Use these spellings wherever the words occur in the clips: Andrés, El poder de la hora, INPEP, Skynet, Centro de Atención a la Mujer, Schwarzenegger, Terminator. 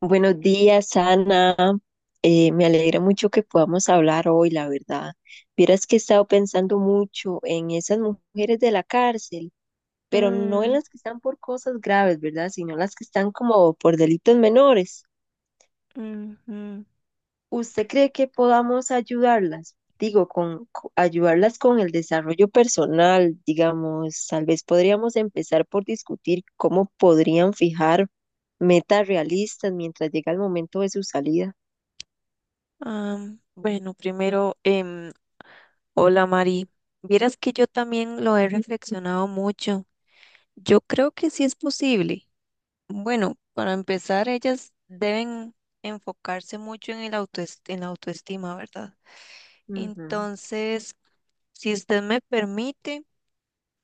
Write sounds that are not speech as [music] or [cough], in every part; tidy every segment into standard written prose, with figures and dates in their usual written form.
Buenos días, Ana. Me alegra mucho que podamos hablar hoy, la verdad. Vieras que he estado pensando mucho en esas mujeres de la cárcel, pero no en Mm, las que están por cosas graves, ¿verdad? Sino las que están como por delitos menores. ujú. ¿Usted cree que podamos ayudarlas? Digo, ayudarlas con el desarrollo personal, digamos, tal vez podríamos empezar por discutir cómo podrían fijar metas realistas mientras llega el momento de su salida. Bueno, primero, hola Mari. Vieras que yo también lo he reflexionado mucho. Yo creo que sí es posible. Bueno, para empezar, ellas deben enfocarse mucho en en la autoestima, ¿verdad? Ujú. Entonces, si usted me permite...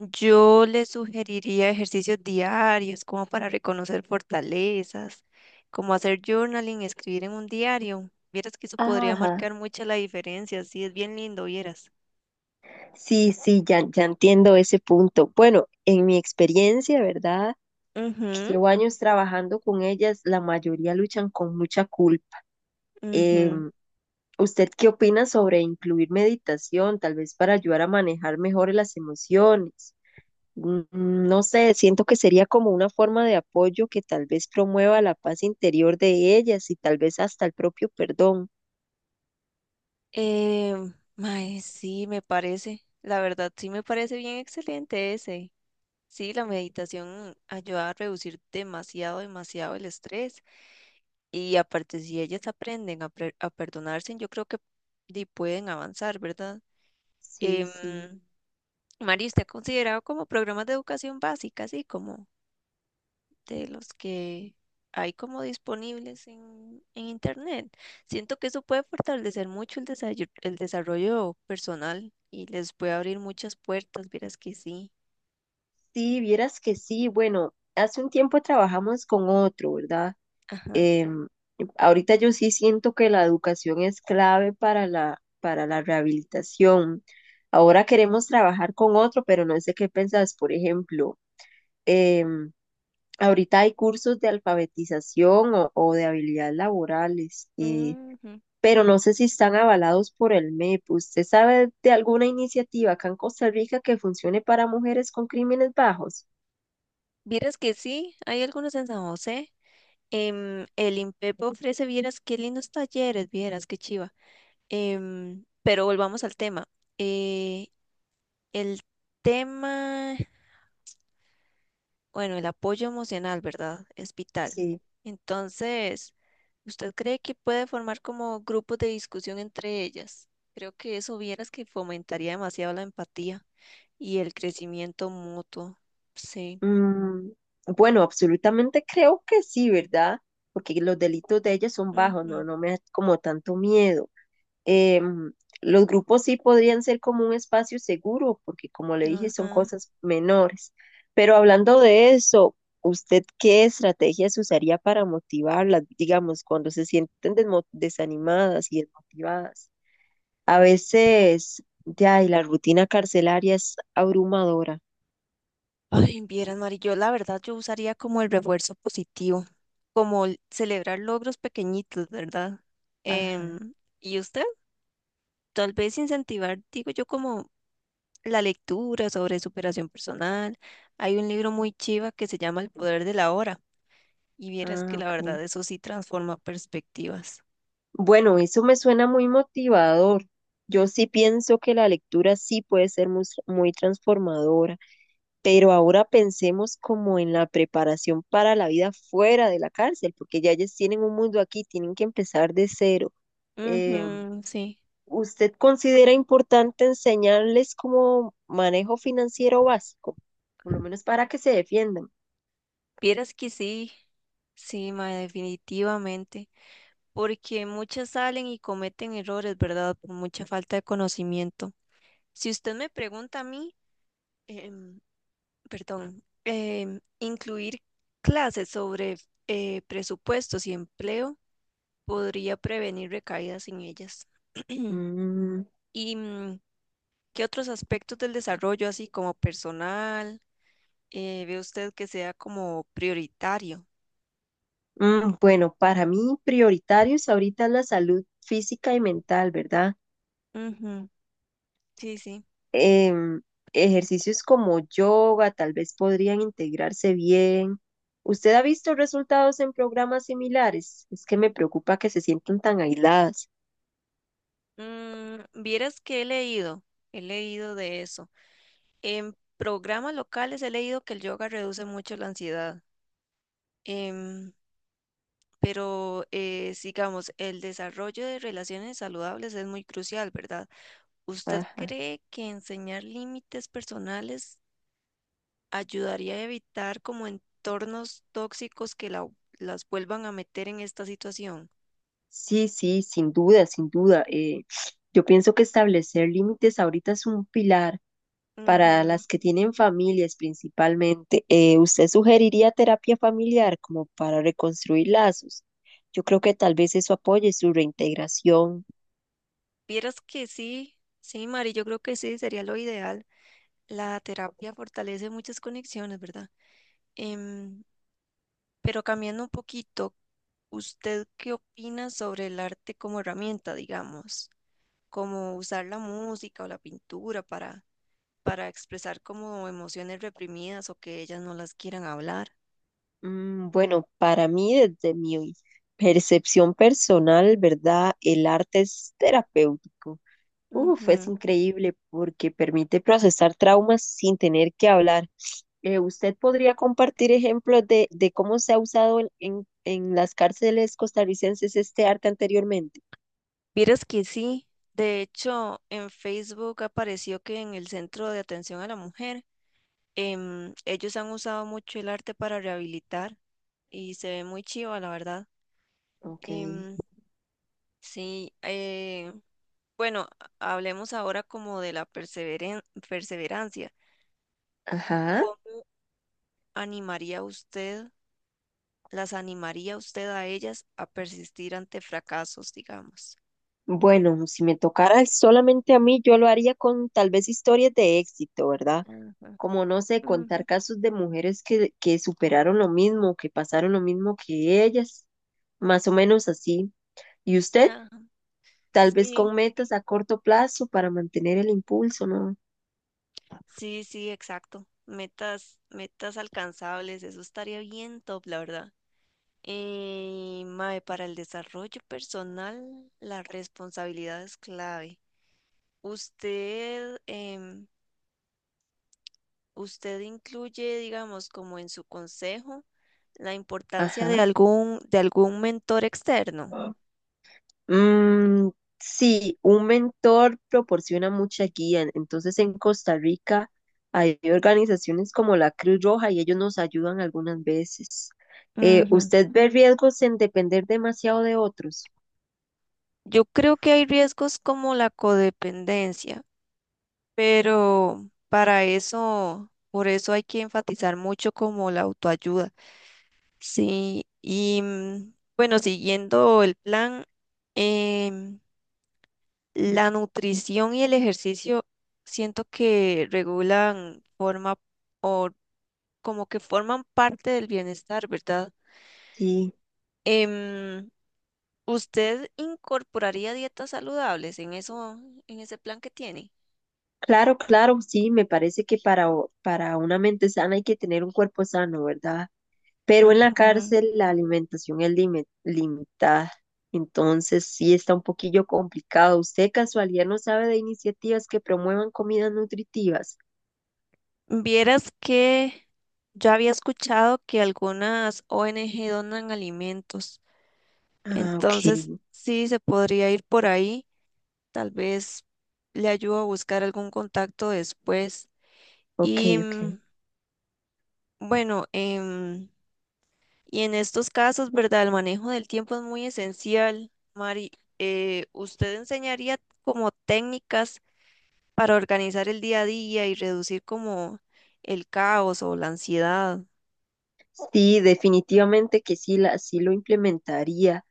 Yo le sugeriría ejercicios diarios como para reconocer fortalezas, como hacer journaling, escribir en un diario. Vieras que eso Ah, podría ajá, marcar mucha la diferencia, sí, es bien lindo, vieras. sí, sí, ya, ya entiendo ese punto. Bueno, en mi experiencia, ¿verdad? Que Ujú, llevo años trabajando con ellas, la mayoría luchan con mucha culpa. ujú. Em, ¿Usted qué opina sobre incluir meditación, tal vez para ayudar a manejar mejor las emociones? No sé, siento que sería como una forma de apoyo que tal vez promueva la paz interior de ellas y tal vez hasta el propio perdón. Eh, Mae, sí, me parece, la verdad, sí me parece bien excelente ese. Sí, la meditación ayuda a reducir demasiado el estrés. Y aparte, si ellas aprenden a perdonarse, yo creo que pueden avanzar, ¿verdad? Sí, Em, sí. Mari, ¿usted ha considerado como programas de educación básica, así como de los que hay como disponibles en Internet? Siento que eso puede fortalecer mucho el desarrollo personal y les puede abrir muchas puertas, vieras que sí. Sí, vieras que sí. Bueno, hace un tiempo trabajamos con otro, ¿verdad? Ajá. Em, ahorita yo sí siento que la educación es clave para para la rehabilitación. Ahora queremos trabajar con otro, pero no sé qué pensás. Por ejemplo, em, ahorita hay cursos de alfabetización o de habilidades laborales, Ujú. pero no sé si están avalados por el MEP. ¿Usted sabe de alguna iniciativa acá en Costa Rica que funcione para mujeres con crímenes bajos? Vieras que sí, hay algunos en San José. El INPEP ofrece, vieras qué lindos talleres, vieras qué chiva. Pero volvamos al tema. Eh, el tema Bueno, el apoyo emocional, ¿verdad? Es vital. Sí. Entonces, ¿usted cree que puede formar como grupos de discusión entre ellas? Creo que eso vieras que fomentaría demasiado la empatía y el crecimiento mutuo. Sí. Mm, bueno, absolutamente creo que sí, ¿verdad? Porque los delitos de ella son bajos, no, Ujú, no me da como tanto miedo. Em, los grupos sí podrían ser como un espacio seguro, porque como le dije, son ajá. cosas menores. Pero hablando de eso, ¿usted qué estrategias usaría para motivarlas, digamos, cuando se sienten desanimadas y desmotivadas? A veces, ya, y la rutina carcelaria es abrumadora. Ay, vieras, Mari, yo la verdad yo usaría como el refuerzo positivo, como el celebrar logros pequeñitos, ¿verdad? Ajá. Em, ¿Y usted? Tal vez incentivar, digo yo, como la lectura sobre superación personal. Hay un libro muy chiva que se llama El poder de la hora y vieras que Ah, la ok. verdad eso sí transforma perspectivas. Bueno, eso me suena muy motivador. Yo sí pienso que la lectura sí puede ser muy, muy transformadora, pero ahora pensemos como en la preparación para la vida fuera de la cárcel, porque ya ellos tienen un mundo aquí, tienen que empezar de cero. Eh, Ujú, sí, ¿Usted considera importante enseñarles como manejo financiero básico, por lo menos para que se defiendan? vieras que sí, sí, mae, definitivamente, porque muchas salen y cometen errores, ¿verdad? Por mucha falta de conocimiento. Si usted me pregunta a mí, em, perdón, incluir clases sobre presupuestos y empleo. Podría prevenir recaídas en ellas. [clears throat] Mm, ¿Y qué otros aspectos del desarrollo, así como personal, ve usted que sea como prioritario? Bueno, para mí prioritarios ahorita es la salud física y mental, ¿verdad? Ujú, sí, sí. em, ejercicios como yoga tal vez podrían integrarse bien. ¿Usted ha visto resultados en programas similares? Es que me preocupa que se sientan tan aisladas. Mm, vieras que he leído de eso. En programas locales he leído que el yoga reduce mucho la ansiedad, em, sigamos, el desarrollo de relaciones saludables es muy crucial, ¿verdad? ¿Usted Ajá. cree que enseñar límites personales ayudaría a evitar como entornos tóxicos que las vuelvan a meter en esta situación? Sí, sí, sin duda, sin duda. Yo pienso que establecer límites ahorita es un pilar para Ujú. las que tienen familias principalmente. ¿Usted sugeriría terapia familiar como para reconstruir lazos? Yo creo que tal vez eso apoye su reintegración. Vieras que sí, sí, Mari, yo creo que sí, sería lo ideal. La terapia fortalece muchas conexiones, ¿verdad? Em, pero cambiando un poquito, ¿usted qué opina sobre el arte como herramienta, digamos? Como usar la música o la pintura para expresar como emociones reprimidas o que ellas no las quieran hablar. Mm, bueno, para mí, desde mi percepción personal, ¿verdad? El arte es terapéutico. Uf, es increíble porque permite procesar traumas sin tener que hablar. ¿Usted podría compartir ejemplos de cómo se ha usado en las cárceles costarricenses este arte anteriormente? Vieras que sí, de hecho en Facebook apareció que en el Centro de Atención a la Mujer ellos han usado mucho el arte para rehabilitar y se ve muy chiva, la verdad. Ok, Em, sí, eh, bueno, hablemos ahora como de perseverancia. ajá. ¿Cómo animaría usted, ¿Las animaría usted a ellas a persistir ante fracasos, digamos? Bueno, si me tocara solamente a mí, yo lo haría con tal vez historias de éxito, ¿verdad? Ajá, Como no sé, contar ujú, casos de mujeres que superaron lo mismo, que pasaron lo mismo que ellas, más o menos así. Y usted, ajá, tal vez sí. con metas a corto plazo para mantener el impulso, ¿no? Sí, sí, exacto. Metas, metas alcanzables, eso estaría bien top, la verdad. Mae, para el desarrollo personal, la responsabilidad es clave. Usted, em, usted incluye, digamos, como en su consejo, la importancia de Ajá. De algún mentor externo. Mm, sí, un mentor proporciona mucha guía. Entonces, en Costa Rica hay organizaciones como la Cruz Roja y ellos nos ayudan algunas veces. Ujú. ¿Usted ve riesgos en depender demasiado de otros? Yo creo que hay riesgos como la codependencia. Por eso hay que enfatizar mucho como la autoayuda. Sí, y mm, bueno, siguiendo el plan, em, la nutrición y el ejercicio siento que regulan forma o como que forman parte del bienestar, ¿verdad? Sí. Em, ¿Usted incorporaría dietas saludables en eso, en ese plan que tiene? Claro, claro, sí, me parece que para, para una mente sana hay que tener un cuerpo sano, ¿verdad? Pero en la Ujú. cárcel la alimentación es limitada, entonces sí está un poquillo complicado. ¿Usted de casualidad no sabe de iniciativas que promuevan comidas nutritivas? Vieras que yo había escuchado que algunas ONG donan alimentos, Ah, ok, entonces sí se podría ir por ahí, tal vez le ayudo a buscar algún contacto después. ok, Y ok. mm, bueno, y en estos casos, ¿verdad? El manejo del tiempo es muy esencial. Mari, ¿usted enseñaría como técnicas para organizar el día a día y reducir como el caos o la ansiedad? Sí, definitivamente que sí, la, sí lo implementaría.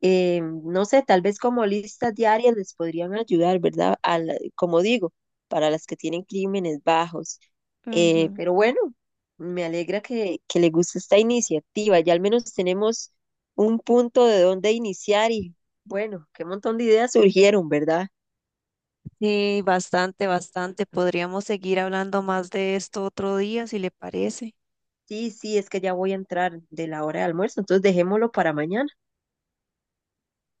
Eh, no sé, tal vez como listas diarias les podrían ayudar, ¿verdad? Como digo, para las que tienen crímenes bajos. Ujú. Pero bueno, me alegra que le guste esta iniciativa. Ya al menos tenemos un punto de dónde iniciar y bueno, qué montón de ideas surgieron, ¿verdad? Sí, bastante, bastante. Podríamos seguir hablando más de esto otro día, si le parece. Sí, sí, es que ya voy a entrar de la hora de almuerzo, entonces dejémoslo para mañana.